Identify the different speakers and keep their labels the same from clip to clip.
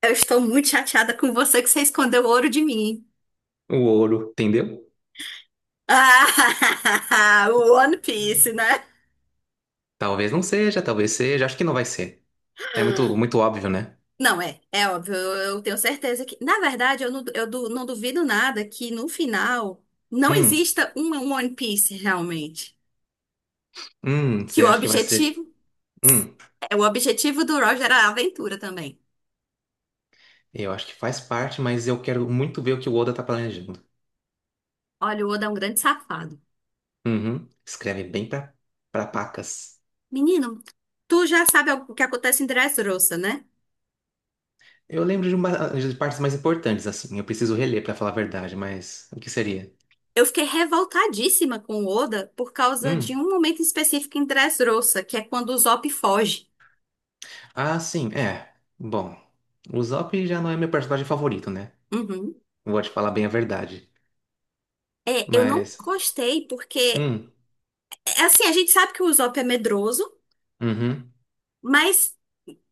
Speaker 1: Eu estou muito chateada com você que você escondeu o ouro de mim.
Speaker 2: O ouro, entendeu?
Speaker 1: Ah, o One Piece, né?
Speaker 2: Talvez não seja, talvez seja. Acho que não vai ser. É muito, muito óbvio, né?
Speaker 1: Não, é, é óbvio, eu tenho certeza que. Na verdade, eu não, não duvido nada que no final não
Speaker 2: Hum,
Speaker 1: exista um One Piece realmente. Que
Speaker 2: você
Speaker 1: o
Speaker 2: acha que vai
Speaker 1: objetivo,
Speaker 2: ser? Hum,
Speaker 1: é, o objetivo do Roger era a aventura também.
Speaker 2: eu acho que faz parte, mas eu quero muito ver o que o Oda tá planejando.
Speaker 1: Olha, o Oda é um grande safado.
Speaker 2: Uhum, escreve bem pra, pra pacas.
Speaker 1: Menino, tu já sabe o que acontece em Dressrosa, né?
Speaker 2: Eu lembro de, uma, de partes mais importantes, assim. Eu preciso reler pra falar a verdade, mas o que seria?
Speaker 1: Eu fiquei revoltadíssima com o Oda por causa de
Speaker 2: Hum,
Speaker 1: um momento específico em Dressrosa, que é quando o Usopp foge.
Speaker 2: ah, sim, é. Bom, o Zop já não é meu personagem favorito, né?
Speaker 1: Uhum.
Speaker 2: Vou te falar bem a verdade.
Speaker 1: É, eu não
Speaker 2: Mas,
Speaker 1: gostei porque,
Speaker 2: hum,
Speaker 1: é, assim, a gente sabe que o Usopp é medroso,
Speaker 2: uhum,
Speaker 1: mas,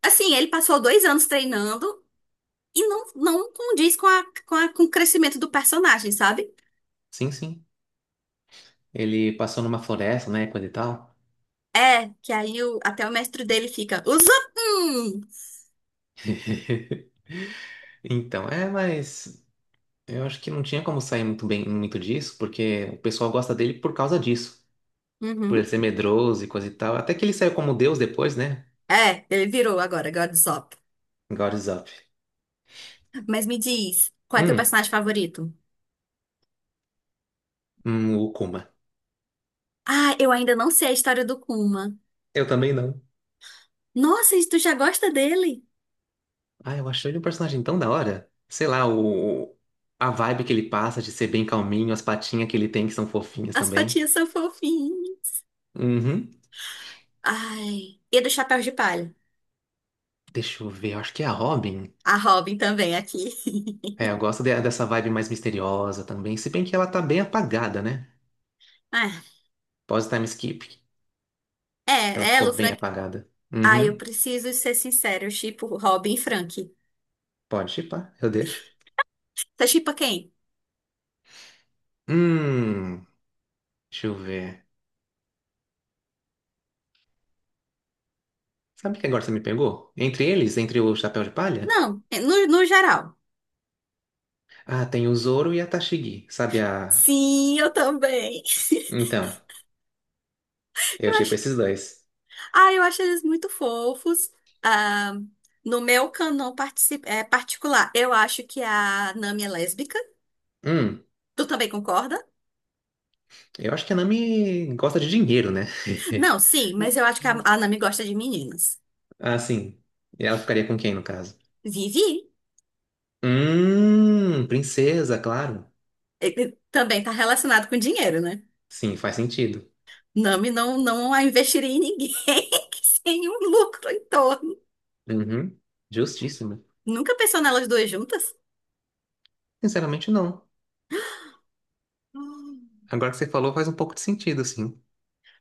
Speaker 1: assim, ele passou dois anos treinando e não, não condiz com, a, com, com o crescimento do personagem, sabe?
Speaker 2: sim, sim. Ele passou numa floresta, né, coisa e tal.
Speaker 1: É, que aí até o mestre dele fica, Usopp! hum."
Speaker 2: Então, é, mas eu acho que não tinha como sair muito bem, muito disso, porque o pessoal gosta dele por causa disso. Por ele
Speaker 1: Uhum.
Speaker 2: ser medroso e coisa e tal. Até que ele saiu como Deus depois, né?
Speaker 1: É, ele virou agora, agora Usopp.
Speaker 2: God is up.
Speaker 1: Mas me diz, qual é teu
Speaker 2: Hum,
Speaker 1: personagem favorito?
Speaker 2: o Kuma.
Speaker 1: Ah, eu ainda não sei a história do Kuma.
Speaker 2: Eu também não.
Speaker 1: Nossa, e tu já gosta dele?
Speaker 2: Ah, eu achei ele um personagem tão da hora. Sei lá, o... A vibe que ele passa de ser bem calminho, as patinhas que ele tem que são fofinhas
Speaker 1: As
Speaker 2: também.
Speaker 1: patinhas são fofinhas.
Speaker 2: Uhum.
Speaker 1: Ai, e do Chapéu de Palha.
Speaker 2: Deixa eu ver, eu acho que é a Robin.
Speaker 1: A Robin também aqui.
Speaker 2: É, eu gosto de- dessa vibe mais misteriosa também, se bem que ela tá bem apagada, né?
Speaker 1: Ah,
Speaker 2: Pós-time skip, ela
Speaker 1: é,
Speaker 2: ficou
Speaker 1: ela, o
Speaker 2: bem
Speaker 1: Frank.
Speaker 2: apagada.
Speaker 1: Ai, eu
Speaker 2: Uhum,
Speaker 1: preciso ser sincero, eu shippo Robin e Frank.
Speaker 2: pode chipar, eu deixo.
Speaker 1: Você shippa quem?
Speaker 2: Hum, deixa eu ver. Sabe o que agora você me pegou? Entre eles, entre o Chapéu de Palha?
Speaker 1: Não, no, no geral.
Speaker 2: Ah, tem o Zoro e a Tashigi, sabe a...
Speaker 1: Sim, eu também.
Speaker 2: Então,
Speaker 1: Eu
Speaker 2: eu chipo
Speaker 1: acho,
Speaker 2: esses dois.
Speaker 1: ah, eu acho eles muito fofos. Ah, no meu canon é, particular, eu acho que é a Nami é lésbica.
Speaker 2: Hum,
Speaker 1: Tu também concorda?
Speaker 2: eu acho que a Nami gosta de dinheiro, né?
Speaker 1: Não, sim, mas eu acho que a Nami gosta de meninas.
Speaker 2: Ah, sim. E ela ficaria com quem, no caso?
Speaker 1: Vivi
Speaker 2: Princesa, claro.
Speaker 1: ele também tá relacionado com dinheiro, né?
Speaker 2: Sim, faz sentido.
Speaker 1: Nami não, não a investiria em ninguém que sem um lucro em torno.
Speaker 2: Uhum. Justíssimo.
Speaker 1: Nunca pensou nelas duas juntas?
Speaker 2: Sinceramente, não.
Speaker 1: Hum.
Speaker 2: Agora que você falou, faz um pouco de sentido, sim.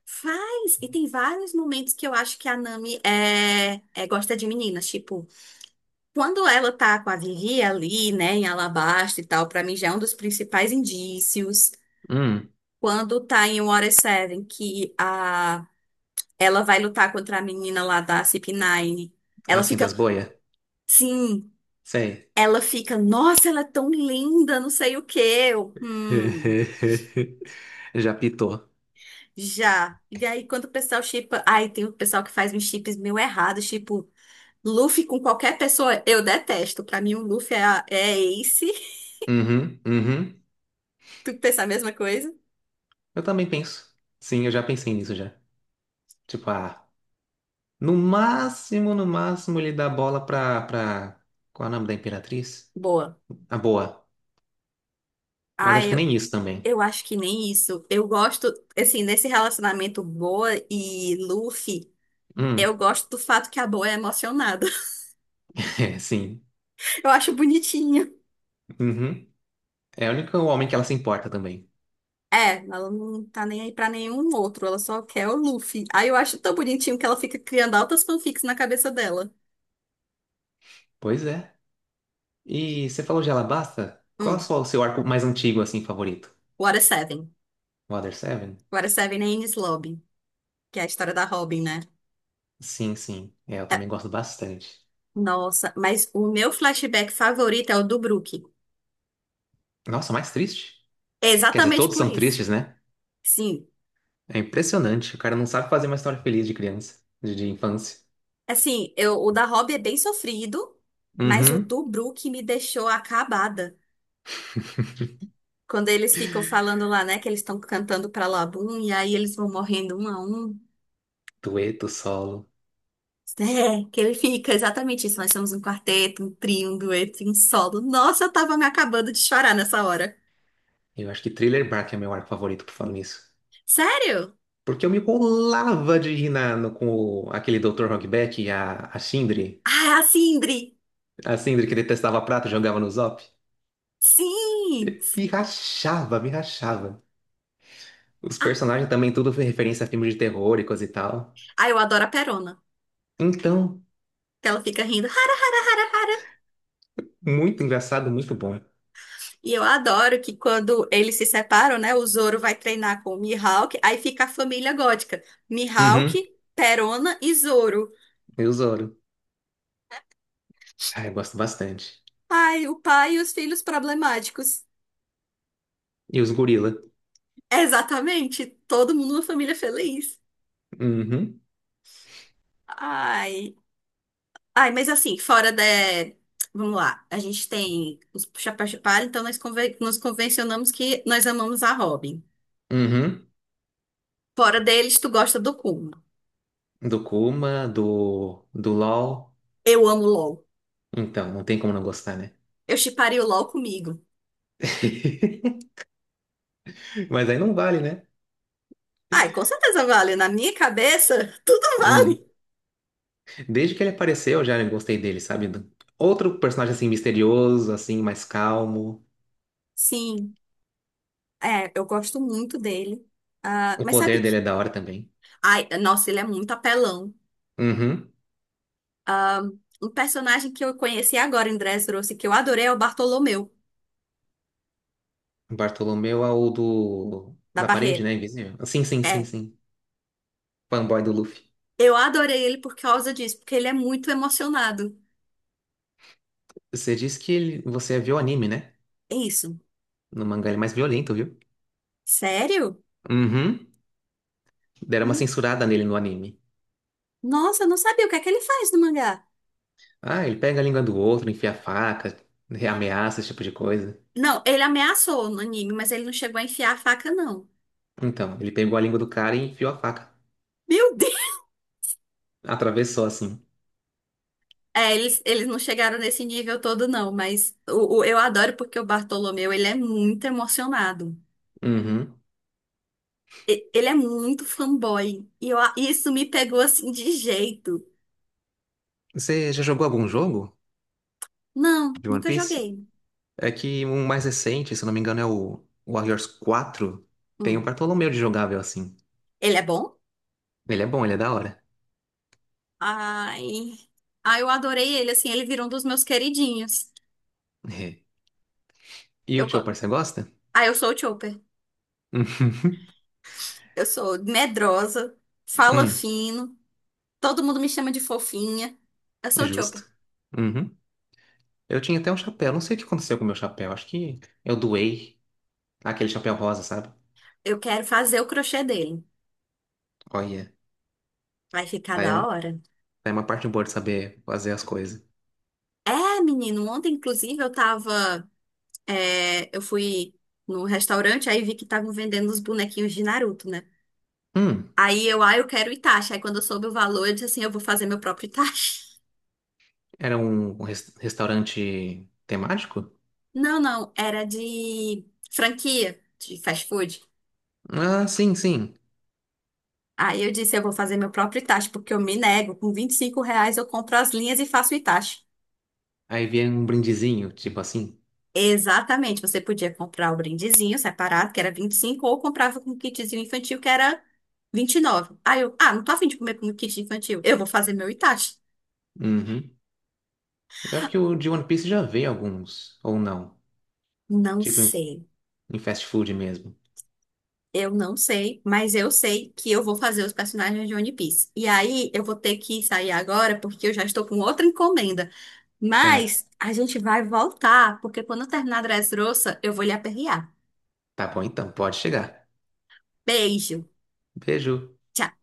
Speaker 1: Faz! E tem vários momentos que eu acho que a Nami é, gosta de meninas. Tipo, quando ela tá com a Vivi ali, né, em Alabasta e tal, pra mim já é um dos principais indícios.
Speaker 2: Hum,
Speaker 1: Quando tá em Water Seven, que a ela vai lutar contra a menina lá da CP9. Ela
Speaker 2: assim
Speaker 1: fica,
Speaker 2: das boias?
Speaker 1: sim,
Speaker 2: Sei.
Speaker 1: ela fica, nossa, ela é tão linda, não sei o quê. Eu,
Speaker 2: Já pitou.
Speaker 1: já. E aí, quando o pessoal shippa, ai, tem o pessoal que faz uns chips meio errados, tipo, Luffy com qualquer pessoa, eu detesto. Pra mim, o Luffy é, é Ace.
Speaker 2: Uhum, uhum.
Speaker 1: Tu pensa a mesma coisa?
Speaker 2: Eu também penso. Sim, eu já pensei nisso já. Tipo, ah, no máximo, no máximo, ele dá bola pra, pra... Qual é o nome da Imperatriz?
Speaker 1: Boa.
Speaker 2: A boa. Mas
Speaker 1: Ah,
Speaker 2: acho que nem isso também.
Speaker 1: eu acho que nem isso. Eu gosto, assim, nesse relacionamento Boa e Luffy, eu
Speaker 2: Hum,
Speaker 1: gosto do fato que a Boa é emocionada.
Speaker 2: é, sim.
Speaker 1: Eu acho bonitinho.
Speaker 2: Uhum. É o único homem que ela se importa também.
Speaker 1: É, ela não tá nem aí pra nenhum outro, ela só quer o Luffy. Aí eu acho tão bonitinho que ela fica criando altas fanfics na cabeça dela.
Speaker 2: Pois é. E você falou de Alabasta? Qual é
Speaker 1: Hum,
Speaker 2: só o seu arco mais antigo, assim, favorito?
Speaker 1: Water Seven.
Speaker 2: Water Seven?
Speaker 1: Water Seven é Enies Lobby, que é a história da Robin, né?
Speaker 2: Sim, sim. É, eu
Speaker 1: É,
Speaker 2: também gosto bastante.
Speaker 1: nossa, mas o meu flashback favorito é o do Brook.
Speaker 2: Nossa, mais triste?
Speaker 1: É
Speaker 2: Quer dizer,
Speaker 1: exatamente
Speaker 2: todos
Speaker 1: por
Speaker 2: são
Speaker 1: isso.
Speaker 2: tristes, né?
Speaker 1: Sim,
Speaker 2: É impressionante. O cara não sabe fazer uma história feliz de criança, de infância.
Speaker 1: assim, eu, o da Robin é bem sofrido, mas o
Speaker 2: Uhum.
Speaker 1: do Brook me deixou acabada. Quando eles ficam falando lá, né, que eles estão cantando pra Labum, e aí eles vão morrendo um a um.
Speaker 2: Dueto, solo.
Speaker 1: É, que ele fica exatamente isso. Nós somos um quarteto, um trio, um dueto, um solo. Nossa, eu tava me acabando de chorar nessa hora.
Speaker 2: Eu acho que Thriller Bark é meu arco favorito por falar nisso.
Speaker 1: Sério?
Speaker 2: Porque eu me colava de rir na- no- com o- aquele Dr. Hogback e a Sindri.
Speaker 1: Ah, a Sindri!
Speaker 2: A Sindri que detestava prata e jogava no Zop.
Speaker 1: Sim!
Speaker 2: Me rachava, me rachava. Os
Speaker 1: Ah,
Speaker 2: personagens também tudo foi referência a filmes de terror e coisa e tal.
Speaker 1: ah, eu adoro a Perona,
Speaker 2: Então,
Speaker 1: que ela fica rindo. Hara, hara, hara, hara.
Speaker 2: muito engraçado, muito bom.
Speaker 1: E eu adoro que quando eles se separam, né, o Zoro vai treinar com o Mihawk, aí fica a família gótica. Mihawk,
Speaker 2: Uhum.
Speaker 1: Perona e Zoro.
Speaker 2: E o Zoro. Ah, eu gosto bastante.
Speaker 1: Ai, o pai e os filhos problemáticos.
Speaker 2: E os gorila.
Speaker 1: Exatamente, todo mundo uma família feliz.
Speaker 2: Uhum.
Speaker 1: Ai. Ai, mas assim, fora da. Vamos lá, a gente tem os chapéus de palha, então nos convencionamos que nós amamos a Robin.
Speaker 2: Uhum.
Speaker 1: Fora deles, tu gosta do Kuma.
Speaker 2: Do Kuma, do, do LOL.
Speaker 1: Eu amo o LOL.
Speaker 2: Então, não tem como não gostar, né?
Speaker 1: Eu shipparia o LOL comigo.
Speaker 2: Mas aí não vale, né?
Speaker 1: Ai, com certeza vale. Na minha cabeça, tudo vale.
Speaker 2: Hum. Desde que ele apareceu, eu já gostei dele, sabe? Do- Outro personagem assim misterioso, assim, mais calmo.
Speaker 1: Sim, é, eu gosto muito dele. Ah,
Speaker 2: O
Speaker 1: mas sabe
Speaker 2: poder
Speaker 1: que.
Speaker 2: dele é da hora também.
Speaker 1: Ai, nossa, ele é muito apelão.
Speaker 2: Uhum.
Speaker 1: Um personagem que eu conheci agora em Dressrosa e que eu adorei é o Bartolomeu,
Speaker 2: Bartolomeu é o do...
Speaker 1: da
Speaker 2: Da parede,
Speaker 1: Barreira.
Speaker 2: né? Invisível. Sim, sim, sim,
Speaker 1: É.
Speaker 2: sim. Fanboy do Luffy.
Speaker 1: Eu adorei ele por causa disso, porque ele é muito emocionado.
Speaker 2: Você disse que ele... você viu o anime, né?
Speaker 1: É isso.
Speaker 2: No mangá ele é mais violento, viu?
Speaker 1: Sério?
Speaker 2: Uhum. Deram uma
Speaker 1: N-
Speaker 2: censurada nele no anime.
Speaker 1: Nossa, eu não sabia o que é que ele faz no mangá.
Speaker 2: Ah, ele pega a língua do outro, enfia a faca, ameaça, esse tipo de coisa.
Speaker 1: Não, ele ameaçou no anime, mas ele não chegou a enfiar a faca, não.
Speaker 2: Então, ele pegou a língua do cara e enfiou a faca.
Speaker 1: Meu Deus!
Speaker 2: Atravessou assim.
Speaker 1: É, eles não chegaram nesse nível todo, não, mas o, eu adoro porque o Bartolomeu, ele é muito emocionado.
Speaker 2: Uhum.
Speaker 1: Ele é muito fanboy. E eu isso me pegou assim de jeito.
Speaker 2: Você já jogou algum jogo
Speaker 1: Não,
Speaker 2: de One
Speaker 1: nunca
Speaker 2: Piece?
Speaker 1: joguei.
Speaker 2: É que o mais recente, se eu não me engano, é o Warriors 4. Tem o
Speaker 1: Hum.
Speaker 2: Bartolomeu de jogável assim.
Speaker 1: Ele é bom?
Speaker 2: Ele é bom, ele é da hora.
Speaker 1: Ai. Ai, eu adorei ele, assim, ele virou um dos meus queridinhos.
Speaker 2: É. E o
Speaker 1: Eu, go-
Speaker 2: tio parceiro gosta?
Speaker 1: ah, eu sou o Chopper. Eu sou medrosa, fala
Speaker 2: Hum,
Speaker 1: fino, todo mundo me chama de fofinha. Eu sou o
Speaker 2: justo.
Speaker 1: Chopper.
Speaker 2: Uhum. Eu tinha até um chapéu, não sei o que aconteceu com o meu chapéu, acho que eu doei. Aquele chapéu rosa, sabe?
Speaker 1: Eu quero fazer o crochê dele.
Speaker 2: Olha,
Speaker 1: Vai ficar
Speaker 2: aí é, um-
Speaker 1: da hora?
Speaker 2: é uma parte boa de saber fazer as coisas.
Speaker 1: É, menino, ontem, inclusive, eu fui no restaurante, aí vi que estavam vendendo os bonequinhos de Naruto, né?
Speaker 2: Hum,
Speaker 1: Aí eu, ah, eu quero Itachi. Aí quando eu soube o valor, eu disse assim: eu vou fazer meu próprio Itachi.
Speaker 2: era um res- restaurante temático?
Speaker 1: Não, não, era de franquia de fast food.
Speaker 2: Ah, sim, sim.
Speaker 1: Aí eu disse, eu vou fazer meu próprio Itachi, porque eu me nego. Com R$ 25 eu compro as linhas e faço o Itachi.
Speaker 2: Aí vinha um brindezinho, tipo assim.
Speaker 1: Exatamente, você podia comprar o brindezinho separado, que era 25 ou comprava com o kitzinho infantil, que era 29. Aí eu, ah, não tô afim de comer com o kit infantil, eu vou fazer meu Itachi.
Speaker 2: Uhum. Eu acho que o de One Piece já veio alguns, ou não.
Speaker 1: Não
Speaker 2: Tipo em,
Speaker 1: sei,
Speaker 2: em fast food mesmo.
Speaker 1: eu não sei, mas eu sei que eu vou fazer os personagens de One Piece. E aí eu vou ter que sair agora, porque eu já estou com outra encomenda.
Speaker 2: Ah,
Speaker 1: Mas a gente vai voltar, porque quando eu terminar a Dressrosa, eu vou lhe aperrear.
Speaker 2: tá bom então, pode chegar.
Speaker 1: Beijo.
Speaker 2: Beijo.
Speaker 1: Tchau.